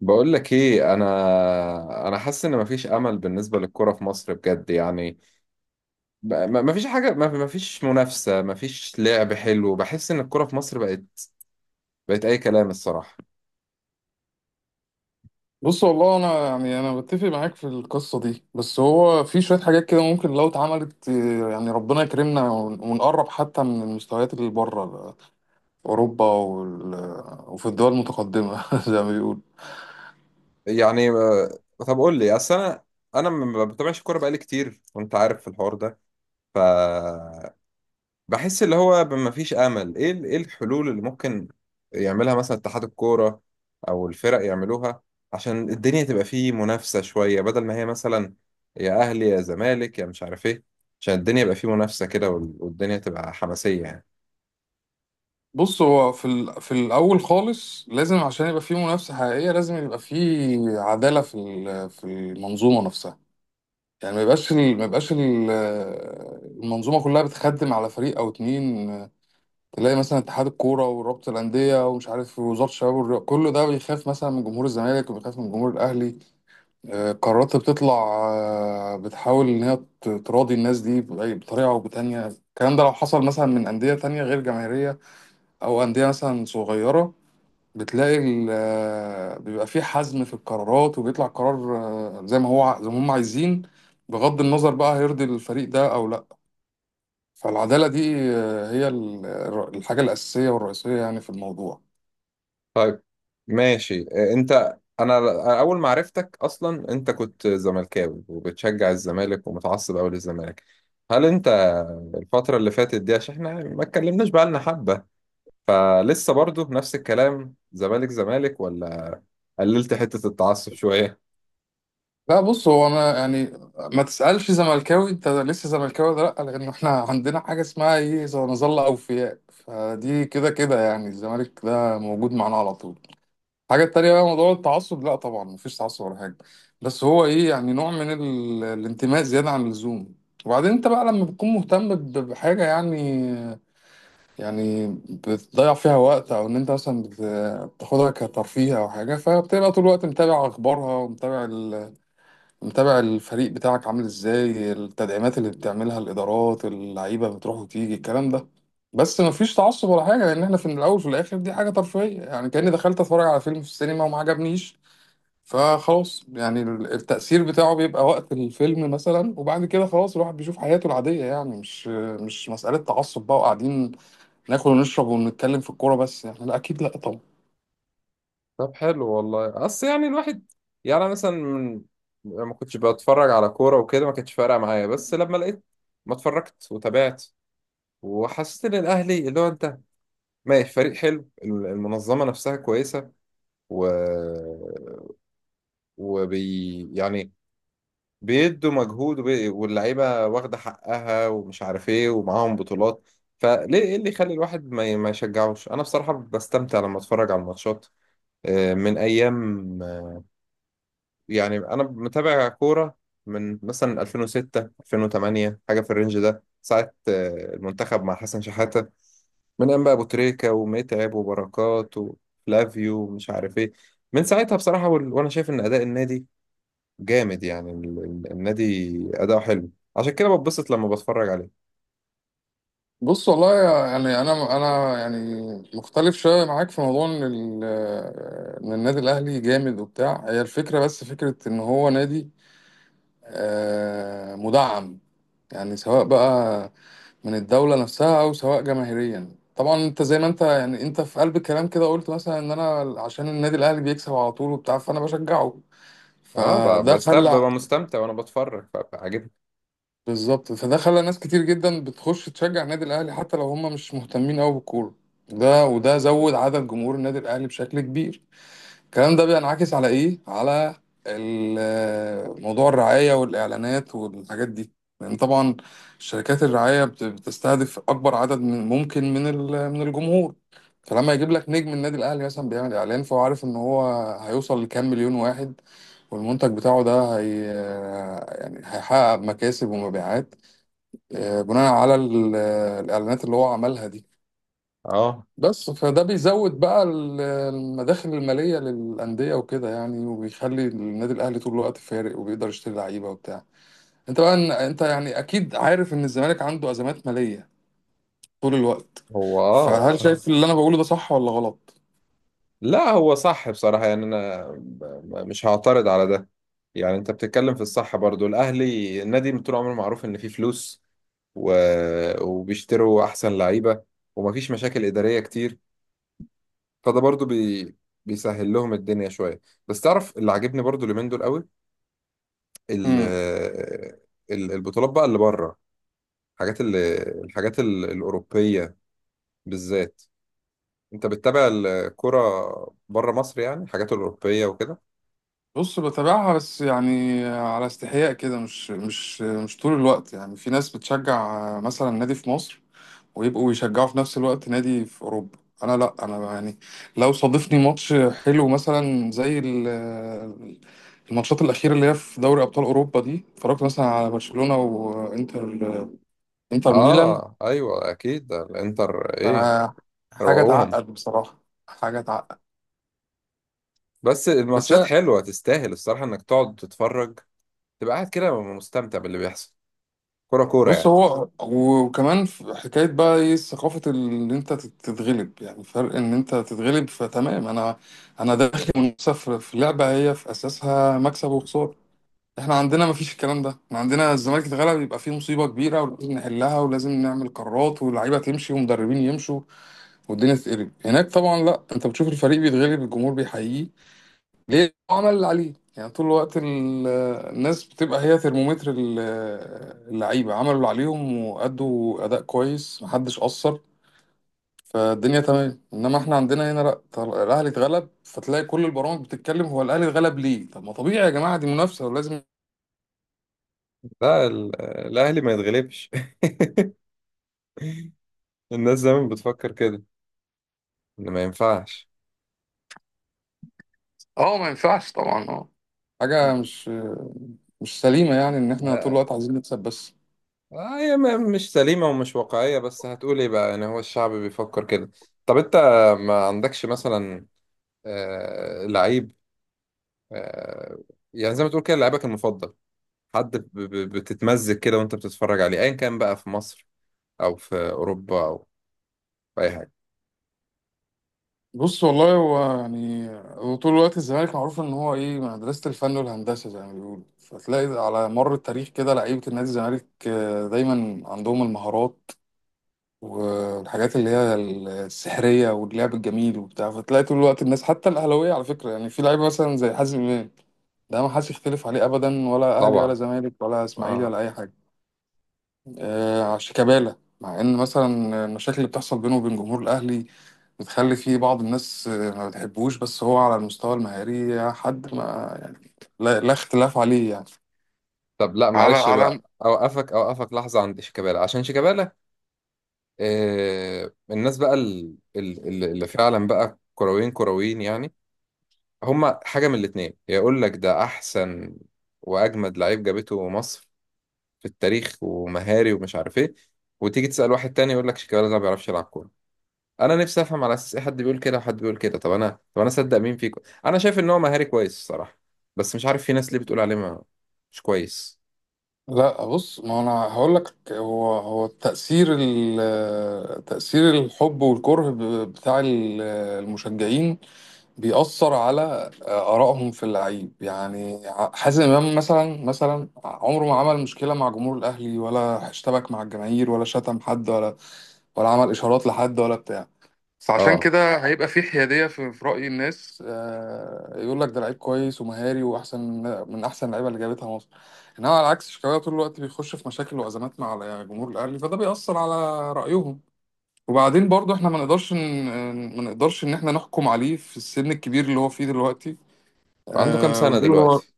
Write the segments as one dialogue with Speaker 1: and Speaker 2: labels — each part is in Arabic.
Speaker 1: بقول لك ايه، انا حاسس ان مفيش امل بالنسبه للكره في مصر بجد يعني. مفيش حاجه، مفيش منافسه، مفيش لعب حلو. بحس ان الكره في مصر بقت اي كلام الصراحه.
Speaker 2: بص والله انا يعني انا بتفق معاك في القصه دي. بس هو في شويه حاجات كده ممكن لو اتعملت، يعني ربنا يكرمنا ونقرب حتى من المستويات اللي بره اوروبا وفي الدول المتقدمه زي ما بيقول.
Speaker 1: يعني طب قول لي، اصل انا ما بتابعش الكوره بقالي كتير وانت عارف في الحوار ده. ف بحس اللي هو مفيش امل. ايه ايه الحلول اللي ممكن يعملها مثلا اتحاد الكوره او الفرق يعملوها، عشان الدنيا تبقى فيه منافسه شويه، بدل ما هي مثلا يا اهلي يا زمالك يا مش عارف ايه. عشان الدنيا يبقى فيه منافسه كده، والدنيا تبقى حماسيه يعني.
Speaker 2: بص هو في الاول خالص، لازم عشان يبقى في منافسه حقيقيه لازم يبقى في عداله في المنظومه نفسها. يعني ما يبقاش ال... ما يبقاش ال... المنظومه كلها بتخدم على فريق او اتنين. تلاقي مثلا اتحاد الكوره ورابطه الانديه ومش عارف وزاره الشباب والرياضه، كله ده بيخاف مثلا من جمهور الزمالك وبيخاف من جمهور الاهلي. قرارات بتطلع، بتحاول ان هي تراضي الناس دي بطريقه او بتانيه. الكلام ده لو حصل مثلا من انديه تانيه غير جماهيريه او انديه مثلا صغيره، بتلاقي بيبقى في حزم في القرارات، وبيطلع قرار زي ما هو زي ما هم عايزين، بغض النظر بقى هيرضي الفريق ده او لا. فالعدالة دي هي الحاجة الأساسية والرئيسية يعني في الموضوع.
Speaker 1: طيب ماشي. انت، اول ما عرفتك اصلا انت كنت زملكاوي وبتشجع الزمالك ومتعصب قوي للزمالك. هل انت الفتره اللي فاتت دي، عشان احنا ما اتكلمناش بقى لنا حبه، فلسه برضه نفس الكلام زمالك زمالك، ولا قللت حتة التعصب شوية؟
Speaker 2: لا بص، هو أنا يعني ما تسألش زملكاوي أنت لسه زملكاوي ولا لأ، لأن إحنا عندنا حاجة اسمها إيه؟ زي نظل أوفياء. فدي كده كده يعني، الزمالك ده موجود معانا على طول. الحاجة التانية بقى موضوع التعصب، لأ طبعا مفيش تعصب ولا حاجة. بس هو إيه؟ يعني نوع من الانتماء زيادة عن اللزوم. وبعدين أنت بقى لما بتكون مهتم بحاجة يعني، يعني بتضيع فيها وقت، او ان انت مثلا بتاخدها كترفيه او حاجه، فبتبقى طول الوقت متابع اخبارها ومتابع متابع الفريق بتاعك عامل ازاي، التدعيمات اللي بتعملها الادارات، اللعيبه بتروح وتيجي الكلام ده. بس مفيش تعصب ولا حاجه، لان احنا في الاول وفي الاخر دي حاجه ترفيهيه يعني. كاني دخلت اتفرج على فيلم في السينما وما عجبنيش، فخلاص يعني التأثير بتاعه بيبقى وقت الفيلم مثلا، وبعد كده خلاص الواحد بيشوف حياته العادية. يعني مش مسألة تعصب بقى، وقاعدين ناكل ونشرب ونتكلم في الكورة بس، يعني لا أكيد لا طبعا.
Speaker 1: طب حلو والله. اصل يعني الواحد، يعني أنا مثلا يعني ما كنتش بتفرج على كورة وكده، ما كانتش فارقة معايا. بس لما لقيت ما اتفرجت وتابعت وحسيت ان الاهلي اللي هو انت ماشي فريق حلو، المنظمة نفسها كويسة، و... يعني بيدوا مجهود واللعيبه واخده حقها ومش عارف ايه ومعاهم بطولات. فليه، ايه اللي يخلي الواحد ما يشجعوش؟ انا بصراحه بستمتع لما اتفرج على الماتشات. من ايام، يعني انا متابع كوره من مثلا 2006 2008 حاجه في الرينج ده. ساعه المنتخب مع حسن شحاته، من ايام بقى ابو تريكه ومتعب وبركات وفلافيو ومش عارف ايه. من ساعتها بصراحه وانا شايف ان اداء النادي جامد يعني. النادي أداؤه حلو، عشان كده بتبسط لما بتفرج عليه.
Speaker 2: بص والله يعني، أنا يعني مختلف شوية معاك في موضوع إن إن النادي الأهلي جامد وبتاع. هي الفكرة، بس فكرة إن هو نادي مدعم، يعني سواء بقى من الدولة نفسها أو سواء جماهيريا. طبعا أنت زي ما أنت يعني، أنت في قلب الكلام كده قلت مثلا إن أنا عشان النادي الأهلي بيكسب على طول وبتاع فأنا بشجعه،
Speaker 1: اه، ب-
Speaker 2: فده
Speaker 1: بستب
Speaker 2: خلى.
Speaker 1: ببقى مستمتع وانا بتفرج فعجبني.
Speaker 2: بالظبط، فده خلى ناس كتير جدا بتخش تشجع النادي الاهلي حتى لو هم مش مهتمين قوي بالكوره. ده وده زود عدد جمهور النادي الاهلي بشكل كبير. الكلام ده بينعكس على ايه؟ على موضوع الرعايه والاعلانات والحاجات دي. لان طبعا شركات الرعايه بتستهدف اكبر عدد من ممكن من من الجمهور. فلما يجيب لك نجم النادي الاهلي مثلا بيعمل اعلان، فهو عارف ان هو هيوصل لكام مليون واحد، والمنتج بتاعه ده هي يعني هيحقق مكاسب ومبيعات بناء على الإعلانات اللي هو عملها دي.
Speaker 1: اه.
Speaker 2: بس فده بيزود بقى المداخل المالية للأندية وكده يعني، وبيخلي النادي الأهلي طول الوقت فارق وبيقدر يشتري لعيبة وبتاع. انت بقى انت يعني أكيد عارف إن الزمالك عنده أزمات مالية طول الوقت.
Speaker 1: هو اه.
Speaker 2: فهل شايف اللي أنا بقوله ده صح ولا غلط؟
Speaker 1: لا هو صح بصراحة، يعني انا مش هعترض على ده. يعني انت بتتكلم في الصح برضو. الاهلي النادي من طول عمره معروف ان فيه فلوس، و... وبيشتروا احسن لعيبة، ومفيش مشاكل ادارية كتير. فده برضو بيسهل لهم الدنيا شوية. بس تعرف اللي عاجبني برضو اليومين دول قوي، ال-
Speaker 2: امم.
Speaker 1: البطولات بقى اللي بره، الحاجات اللي الحاجات الأوروبية بالذات. انت بتتابع الكرة بره مصر يعني، الحاجات الأوروبية وكده؟
Speaker 2: بص بتابعها بس يعني على استحياء كده، مش طول الوقت. يعني في ناس بتشجع مثلا نادي في مصر ويبقوا يشجعوا في نفس الوقت نادي في اوروبا، انا لا، انا يعني لو صادفني ماتش حلو مثلا زي الماتشات الاخيره اللي هي في دوري ابطال اوروبا دي، اتفرجت مثلا على برشلونه وانتر، انتر ميلان.
Speaker 1: اه ايوه، اكيد ده الانتر
Speaker 2: ف-
Speaker 1: ايه،
Speaker 2: حاجه
Speaker 1: روقوهم.
Speaker 2: تعقد بصراحه. حاجه تعقد.
Speaker 1: بس
Speaker 2: بس
Speaker 1: الماتشات
Speaker 2: أنا-
Speaker 1: حلوة، تستاهل الصراحة انك تقعد تتفرج، تبقى قاعد كده مستمتع باللي بيحصل، كرة كورة
Speaker 2: بص،
Speaker 1: يعني.
Speaker 2: هو وكمان في حكايه بقى ايه، ثقافه ان انت تتغلب. يعني فرق ان انت تتغلب فتمام، انا داخل منافسه في لعبه هي في اساسها مكسب وخساره. احنا عندنا مفيش الكلام ده. احنا عندنا الزمالك اتغلب يبقى فيه مصيبة كبيرة ولازم نحلها ولازم نعمل قرارات واللعيبة تمشي ومدربين يمشوا والدنيا تتقلب. هناك طبعا لا، انت بتشوف الفريق بيتغلب الجمهور بيحييه، ليه؟ هو عمل اللي عليه. يعني طول الوقت الناس بتبقى هي ترمومتر اللعيبة، عملوا اللي عليهم وأدوا أداء كويس محدش قصر فالدنيا تمام. انما احنا عندنا هنا لا، الاهلي اتغلب فتلاقي كل البرامج بتتكلم هو الاهلي اتغلب ليه، طب ما طبيعي يا جماعه دي منافسه ولازم.
Speaker 1: لا الأهلي ما يتغلبش. الناس دايما بتفكر كده، إن ما ينفعش.
Speaker 2: اه ما ينفعش طبعا، اه. حاجة مش سليمة يعني إن إحنا طول
Speaker 1: آه،
Speaker 2: الوقت عايزين نكسب بس.
Speaker 1: هي مش سليمة ومش واقعية، بس هتقول ايه بقى يعني، هو الشعب بيفكر كده. طب انت ما عندكش مثلا لعيب، آه يعني زي ما تقول كده لعيبك المفضل، حد بتتمزج كده وانت بتتفرج عليه، ايا كان بقى في مصر او في اوروبا او في اي حاجة؟
Speaker 2: بص والله، هو يعني هو طول الوقت الزمالك معروف إن هو إيه، مدرسة الفن والهندسة زي ما بيقولوا. فتلاقي على مر التاريخ كده لعيبة النادي الزمالك دايما عندهم المهارات والحاجات اللي هي السحرية واللعب الجميل وبتاع. فتلاقي طول الوقت الناس حتى الأهلاوية على فكرة، يعني في لعيبة مثلا زي حازم إمام، ده ما حدش يختلف عليه أبدا، ولا أهلي ولا
Speaker 1: طبعا.
Speaker 2: زمالك ولا إسماعيلي
Speaker 1: اه.
Speaker 2: ولا أي حاجة. شيكابالا، مع ان مثلا المشاكل اللي بتحصل بينه وبين جمهور الاهلي بتخلي فيه بعض الناس ما بتحبوش، بس هو على المستوى المهاري حد ما يعني لا اختلاف عليه يعني.
Speaker 1: طب لا
Speaker 2: على
Speaker 1: معلش
Speaker 2: على
Speaker 1: بقى، اوقفك اوقفك لحظة عند شيكابالا. عشان شيكابالا، الناس بقى اللي فعلا بقى كرويين كرويين يعني، هما حاجة من الاتنين: يقول لك ده أحسن وأجمد لعيب جابته مصر في التاريخ ومهاري ومش عارف إيه، وتيجي تسأل واحد تاني يقول لك شيكابالا ده ما بيعرفش يلعب كورة. أنا نفسي أفهم على أساس إيه حد بيقول كده وحد بيقول كده. طب أنا أصدق مين فيكم؟ أنا شايف إن هو مهاري كويس الصراحة، بس مش عارف في ناس ليه بتقول عليه ما مش كويس.
Speaker 2: لا بص، ما انا هقول لك، هو تأثير تأثير الحب والكره بتاع المشجعين بيأثر على آرائهم في اللعيب يعني. حازم إمام مثلا، عمره ما عمل مشكلة مع جمهور الأهلي، ولا اشتبك مع الجماهير، ولا شتم حد، ولا ولا عمل إشارات لحد ولا بتاع. فعشان
Speaker 1: أه.
Speaker 2: كده هيبقى في حيادية في رأي الناس. آه، يقول لك ده لعيب كويس ومهاري وأحسن من أحسن اللعيبة اللي جابتها مصر. إنما على العكس شيكابالا طول الوقت بيخش في مشاكل وأزمات مع جمهور الأهلي، فده بيأثر على رأيهم. وبعدين برضه إحنا ما نقدرش إن إحنا نحكم عليه في السن الكبير اللي هو فيه دلوقتي.
Speaker 1: عنده كام
Speaker 2: آه
Speaker 1: سنة
Speaker 2: ونقول هو
Speaker 1: دلوقتي؟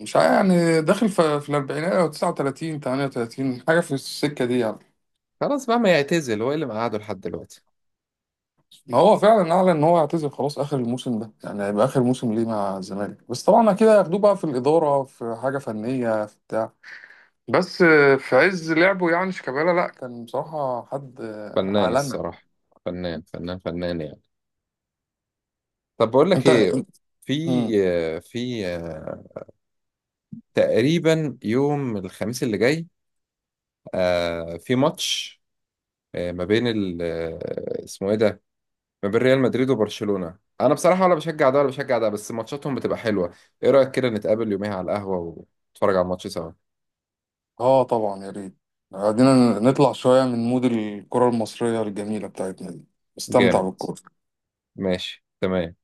Speaker 2: مش عارف، يعني داخل في الأربعينات أو 39 38 حاجة في السكة دي يعني.
Speaker 1: خلاص بقى ما يعتزل، هو إيه اللي مقعده لحد دلوقتي؟
Speaker 2: ما هو فعلا اعلن ان هو هيعتزل خلاص اخر الموسم ده، يعني هيبقى اخر موسم ليه مع الزمالك، بس طبعا اكيد هياخدوه بقى في الاداره، في حاجه فنيه، في بتاع. بس في عز لعبه يعني شيكابالا لا، كان بصراحه حد
Speaker 1: فنان
Speaker 2: عالمي.
Speaker 1: الصراحة، فنان فنان فنان يعني. طب بقول لك
Speaker 2: انت.
Speaker 1: إيه، في
Speaker 2: مم.
Speaker 1: في تقريبا يوم الخميس اللي جاي في ماتش، ما بين ال آه، اسمه ايه ده، ما بين ريال مدريد وبرشلونة. انا بصراحة ولا بشجع ده ولا بشجع ده، بس ماتشاتهم بتبقى حلوة. ايه رأيك كده نتقابل يوميها على القهوة ونتفرج على الماتش سوا؟
Speaker 2: اه طبعا، يا ريت. قعدنا نطلع شويه من مود الكره المصريه الجميله بتاعتنا دي. استمتع
Speaker 1: جامد.
Speaker 2: بالكوره.
Speaker 1: ماشي تمام.